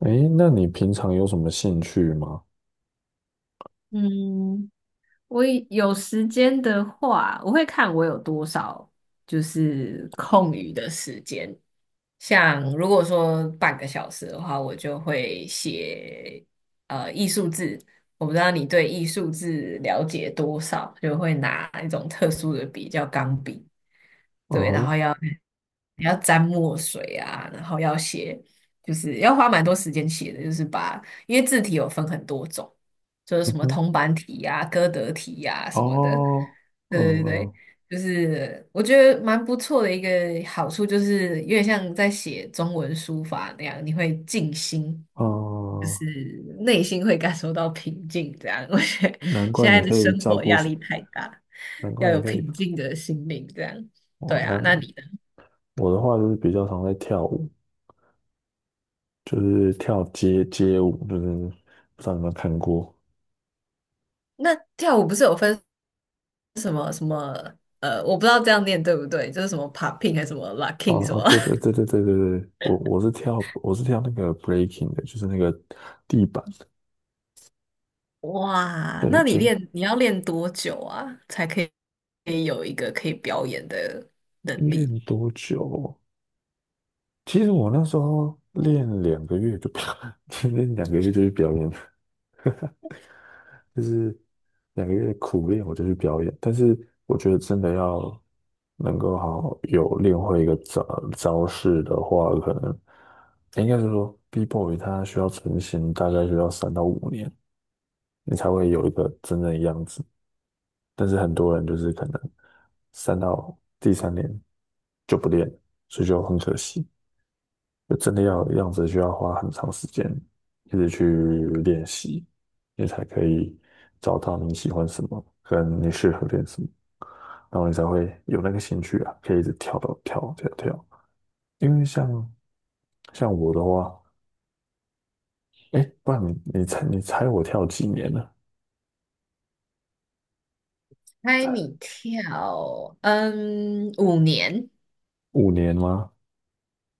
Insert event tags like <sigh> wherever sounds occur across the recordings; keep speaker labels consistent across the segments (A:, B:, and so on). A: 诶，那你平常有什么兴趣吗？
B: 嗯，我以有时间的话，我会看我有多少就是空余的时间。像如果说30分钟的话，我就会写艺术字。我不知道你对艺术字了解多少，就会拿一种特殊的笔叫钢笔，
A: 嗯哼，
B: 你要沾墨水啊，然后要写，就是要花蛮多时间写的，就是把，因为字体有分很多种，就是
A: 嗯
B: 什么
A: 哼，
B: 铜板体呀、歌德体呀、什么的。
A: 哦，嗯
B: 对对对，
A: 嗯
B: 就是我觉得蛮不错的一个好处，就是有点像在写中文书法那样，你会静心，就
A: 嗯，
B: 是内心会感受到平静。这样，<laughs> 我觉得
A: 难怪
B: 现在
A: 你
B: 的
A: 可以
B: 生
A: 照
B: 活
A: 顾
B: 压
A: 是，
B: 力太大，
A: 难
B: 要
A: 怪
B: 有
A: 你可以，
B: 平静的心灵。这样，
A: 哦，
B: 对啊，
A: 难，
B: 那你呢？
A: 我的话就是比较常在跳舞，就是跳街舞，就是不知道你有没有看过。
B: 那跳舞不是有分什么,我不知道这样念对不对，就是什么 popping 还是什么
A: 哦
B: locking 什么？
A: 哦，对对对对对对对，我是跳那个 breaking 的，就是那个地板的。
B: <laughs> 哇，
A: 对，
B: 那你
A: 就
B: 练你要练多久啊，才可以有一个可以表演的能力？
A: 练多久哦？其实我那时候练两个月就表，<laughs> 练两个月就去表演就是两个月苦练，我就去表演。但是我觉得真的要能够好好有练会一个招式的话，可能应该是说 B-boy 它需要成型，大概需要3到5年，你才会有一个真正的样子。但是很多人就是可能三到第三年就不练，所以就很可惜。就真的要样子，需要花很长时间一直去练习，你才可以找到你喜欢什么，跟你适合练什么，然后你才会有那个兴趣啊，可以一直跳到跳跳跳。因为像我的话，哎，不然你猜我跳几年了？
B: 猜你
A: 猜
B: 跳，嗯，5年，
A: 五年吗？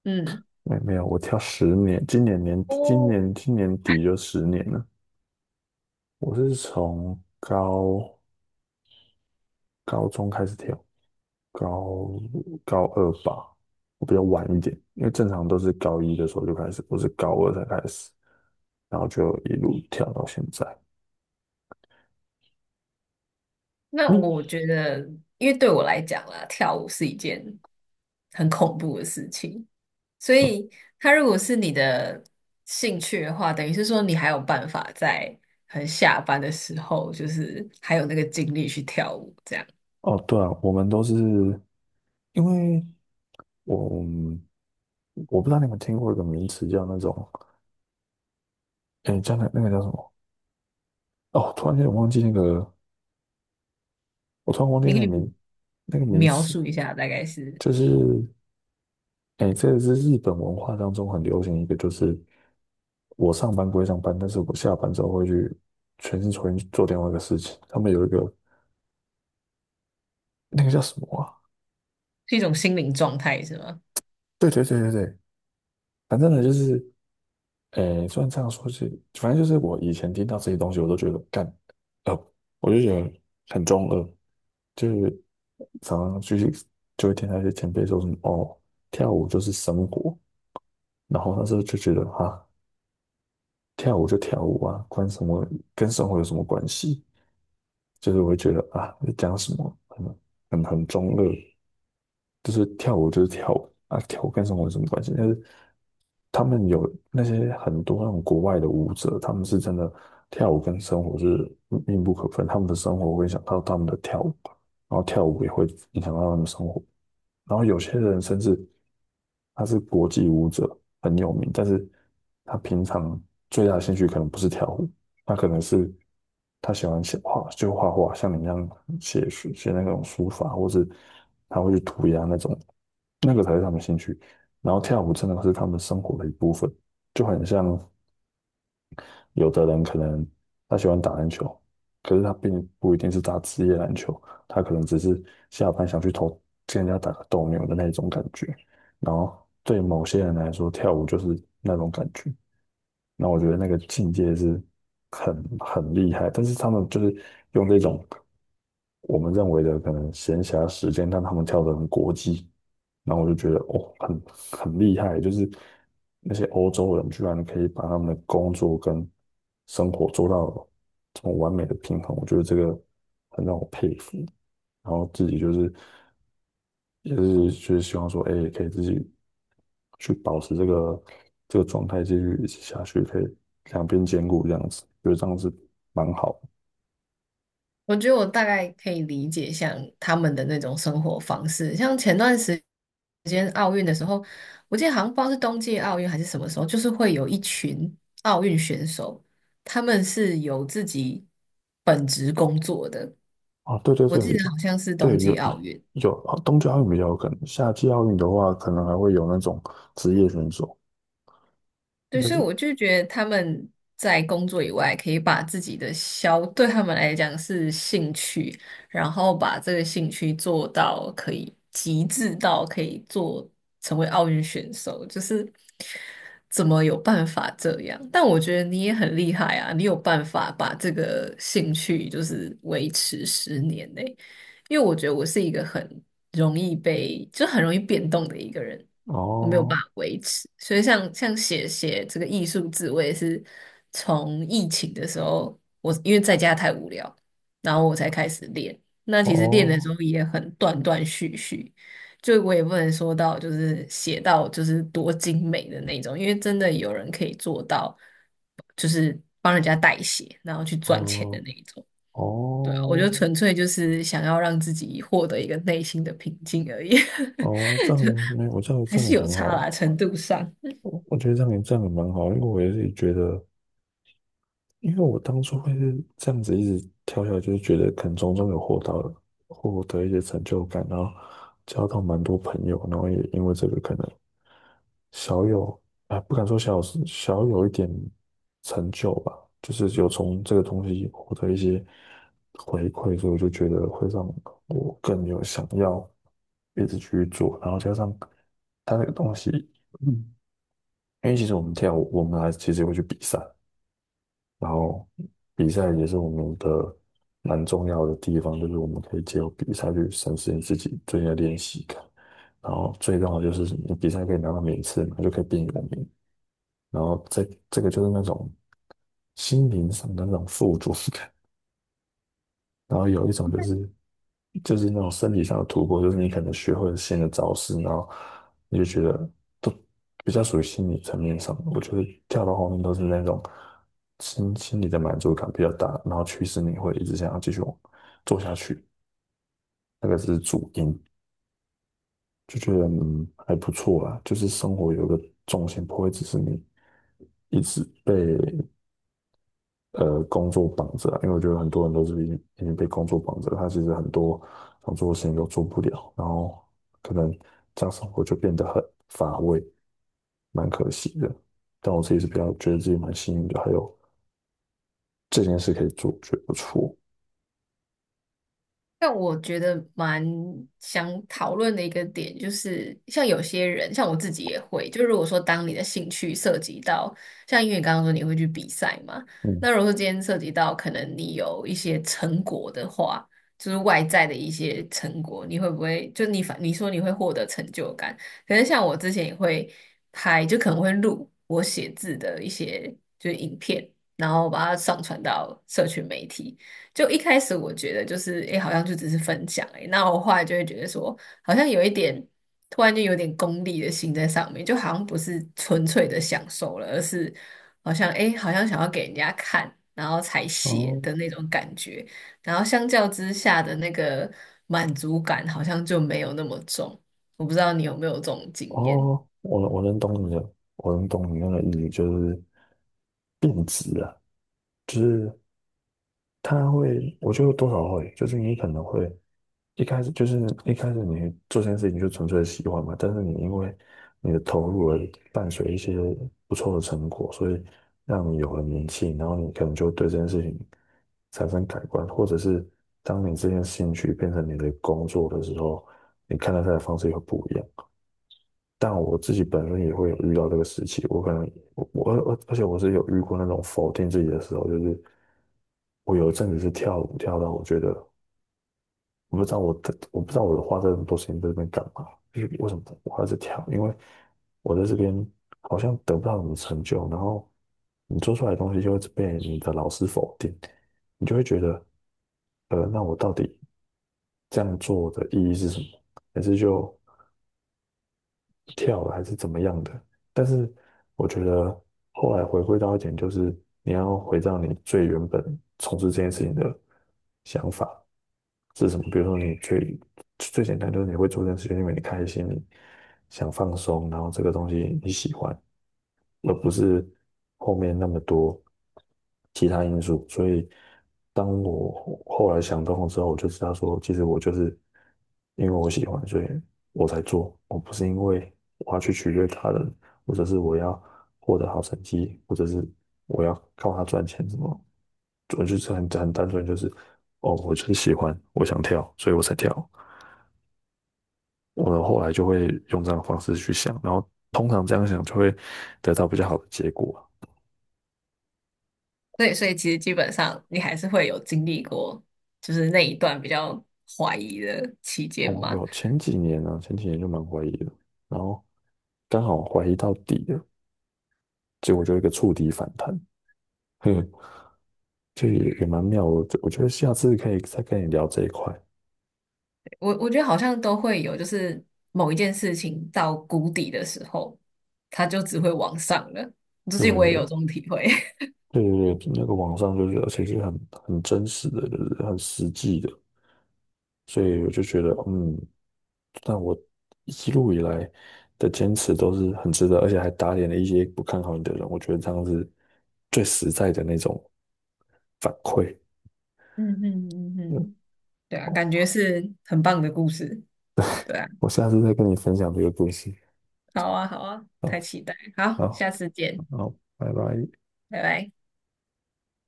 B: 嗯，
A: 没有，我跳十年，今年年底今
B: 哦，
A: 年今年底就十年了。我是从高中开始跳，高高二吧，我比较晚一点，因为正常都是高一的时候就开始，我是高二才开始，然后就一路跳到现在。
B: 那我
A: 你、
B: 觉得，因为对我来讲啦，跳舞是一件很恐怖的事情，所
A: 嗯、
B: 以他如果是你的兴趣的话，等于是说你还有办法在很下班的时候，就是还有那个精力去跳舞，这样。
A: 哦，对啊，我们都是因为我我不知道你们听过一个名词叫那种，诶，叫那个叫什么？哦，突然间我忘记那个，我突然忘记
B: 你
A: 那
B: 可
A: 个
B: 以
A: 名那个名
B: 描
A: 词，
B: 述一下，大概是
A: 就是诶，这个是日本文化当中很流行一个，就是我上班归上班，但是我下班之后会去全心全意去做另外一个事情。他们有一个那个叫什么啊？
B: 是一种心灵状态，是吗？
A: 对对对对对，反正呢就是，诶，虽然这样说是，反正就是我以前听到这些东西，我都觉得干，呃，我就觉得很中二，就是常常就是就会听到一些前辈说什么哦，跳舞就是生活，然后那时候就觉得哈，跳舞就跳舞啊，关什么跟生活有什么关系？就是我会觉得啊，你讲什么很中二。就是跳舞就是跳舞啊，跳舞跟生活有什么关系？但是他们有那些很多那种国外的舞者，他们是真的跳舞跟生活是密不可分，他们的生活会影响到他们的跳舞，然后跳舞也会影响到他们的生活。然后有些人甚至他是国际舞者，很有名，但是他平常最大的兴趣可能不是跳舞，他可能是他喜欢写画，就画画，像你一样写那种书法，或是他会去涂鸦那种，那个才是他们兴趣。然后跳舞真的是他们生活的一部分，就很像有的人可能他喜欢打篮球，可是他并不一定是打职业篮球，他可能只是下班想去投跟人家打个斗牛的那种感觉。然后对某些人来说，跳舞就是那种感觉。那我觉得那个境界是很厉害，但是他们就是用这种我们认为的可能闲暇时间，但他们跳得很国际，然后我就觉得哦，很厉害，就是那些欧洲人居然可以把他们的工作跟生活做到这么完美的平衡，我觉得这个很让我佩服。然后自己就是希望说，哎，可以自己去保持这个状态，继续一直下去，可以两边兼顾这样子，觉得这样子蛮好的。
B: 我觉得我大概可以理解像他们的那种生活方式，像前段时间奥运的时候，我记得好像不知道是冬季奥运还是什么时候，就是会有一群奥运选手，他们是有自己本职工作的，
A: 啊，对对
B: 我记得
A: 对，
B: 好像是冬
A: 对有
B: 季奥运，
A: 有啊冬季奥运比较有可能，夏季奥运的话，可能还会有那种职业选手，应
B: 对，
A: 该
B: 所以
A: 是
B: 我就觉得他们在工作以外，可以把自己的消，对他们来讲是兴趣，然后把这个兴趣做到可以极致到可以做成为奥运选手，就是怎么有办法这样？但我觉得你也很厉害啊，你有办法把这个兴趣就是维持10年呢、因为我觉得我是一个很容易被，就很容易变动的一个人。我没有办
A: 哦
B: 法维持。所以像写这个艺术字，我也是从疫情的时候，我因为在家太无聊，然后我才开始练。那其实练的时
A: 哦
B: 候也很断断续续，就我也不能说到就是写到就是多精美的那种，因为真的有人可以做到，就是帮人家代写，然后去赚钱
A: 哦
B: 的那一种。对啊，我
A: 哦
B: 就纯粹就是想要让自己获得一个内心的平静而已，
A: 哦，这样没有，这样
B: <laughs> 还
A: 这样
B: 是
A: 也
B: 有
A: 很
B: 差啦，
A: 好，
B: 程度上。
A: 我觉得这样也蛮好，因为我也是觉得。因为我当初会是这样子一直跳下来，就是觉得可能从中有获到获得一些成就感，然后交到蛮多朋友，然后也因为这个可能小有啊，不敢说小有一点成就吧，就是有从这个东西获得一些回馈，所以我就觉得会让我更有想要一直去做，然后加上他那个东西，嗯，因为其实我们跳舞，我们还其实也会去比赛。然后比赛也是我们的蛮重要的地方，就是我们可以借由比赛去审视你自己最近的练习感。然后最重要的就是你比赛可以拿到名次嘛，就可以变有名。然后这个就是那种心灵上的那种富足感。<laughs> 然后有一种就是那种身体上的突破，就是你可能学会了新的招式，然后你就觉得都比较属于心理层面上的我觉得跳到后面都是那种心理的满足感比较大，然后驱使你会一直想要继续往做下去，那个是主因，就觉得嗯还不错啦，就是生活有个重心，不会只是你一直被工作绑着啊因为我觉得很多人都是已经被工作绑着，他其实很多想做的事情都做不了，然后可能这样生活就变得很乏味，蛮可惜的。但我自己是比较觉得自己蛮幸运的，还有这件事可以做，觉得不错。
B: 但我觉得蛮想讨论的一个点，就是像有些人，像我自己也会，就如果说当你的兴趣涉及到，像因为你刚刚说你会去比赛嘛，
A: 嗯，
B: 那如果说今天涉及到可能你有一些成果的话，就是外在的一些成果，你会不会就你说你会获得成就感？可能像我之前也会拍，就可能会录我写字的一些就是影片，然后把它上传到社群媒体。就一开始我觉得就是，诶，好像就只是分享、诶，那我后来就会觉得说，好像有一点，突然就有点功利的心在上面，就好像不是纯粹的享受了，而是好像，诶，好像想要给人家看，然后才写
A: 哦
B: 的那种感觉，然后相较之下的那个满足感好像就没有那么重，我不知道你有没有这种经验，
A: 哦，我能懂你的，我能懂你那个意义，就是变质了，就是他会，我觉得多少会，就是你可能会。一开始就是一开始你做这件事情就纯粹喜欢嘛，但是你因为你的投入而伴随一些不错的成果，所以让你有了名气，然后你可能就对这件事情产生改观，或者是当你这件兴趣变成你的工作的时候，你看待它的方式也会不一样。但我自己本身也会有遇到这个时期，我可能我而且我是有遇过那种否定自己的时候，就是我有一阵子是跳舞跳到我觉得。我不知道我的，我不知道我花这么多时间在这边干嘛，为什么我还在跳？因为我在这边好像得不到什么成就，然后你做出来的东西就会被你的老师否定，你就会觉得，那我到底这样做的意义是什么？还是就跳了还是怎么样的。但是我觉得后来回归到一点，就是你要回到你最原本从事这件事情的想法是什么。比如说，你最简单就是你会做这件事情，因为你开心，你想放松，然后这个东西你喜欢。而不是后面那么多其他因素。所以，当我后来想通了之后，我就知道说，其实我就是因为我喜欢，所以我才做。我不是因为我要去取悦他人，或者是我要获得好成绩，或者是我要靠他赚钱什么。我就是很单纯，就是哦，我就是喜欢，我想跳，所以我才跳。我的后来就会用这样的方式去想，然后通常这样想就会得到比较好的结果。
B: 对，所以其实基本上你还是会有经历过，就是那一段比较怀疑的期间
A: 哦，
B: 嘛。
A: 有前几年啊，前几年就蛮怀疑的，然后刚好怀疑到底了，结果就一个触底反弹，哼，这也蛮妙的。我觉得下次可以再跟你聊这一块。
B: 我觉得好像都会有，就是某一件事情到谷底的时候，它就只会往上了。最
A: 对
B: 近
A: 对
B: 我也有这
A: 对
B: 种体会。<laughs>
A: 对对，那个网上就是，而且是很真实的，就是很实际的，所以我就觉得，嗯，但我一路以来的坚持都是很值得，而且还打脸了一些不看好你的人，我觉得这样是最实在的那种反馈。
B: 嗯嗯嗯
A: 嗯。
B: 嗯，对啊，
A: 哦。
B: 感觉是很棒的故事。对啊，
A: 我下次再跟你分享这个故事。
B: 好啊好啊，
A: 好，
B: 太期待了好，
A: 好，
B: 下次见，
A: 好，拜拜。
B: 拜拜。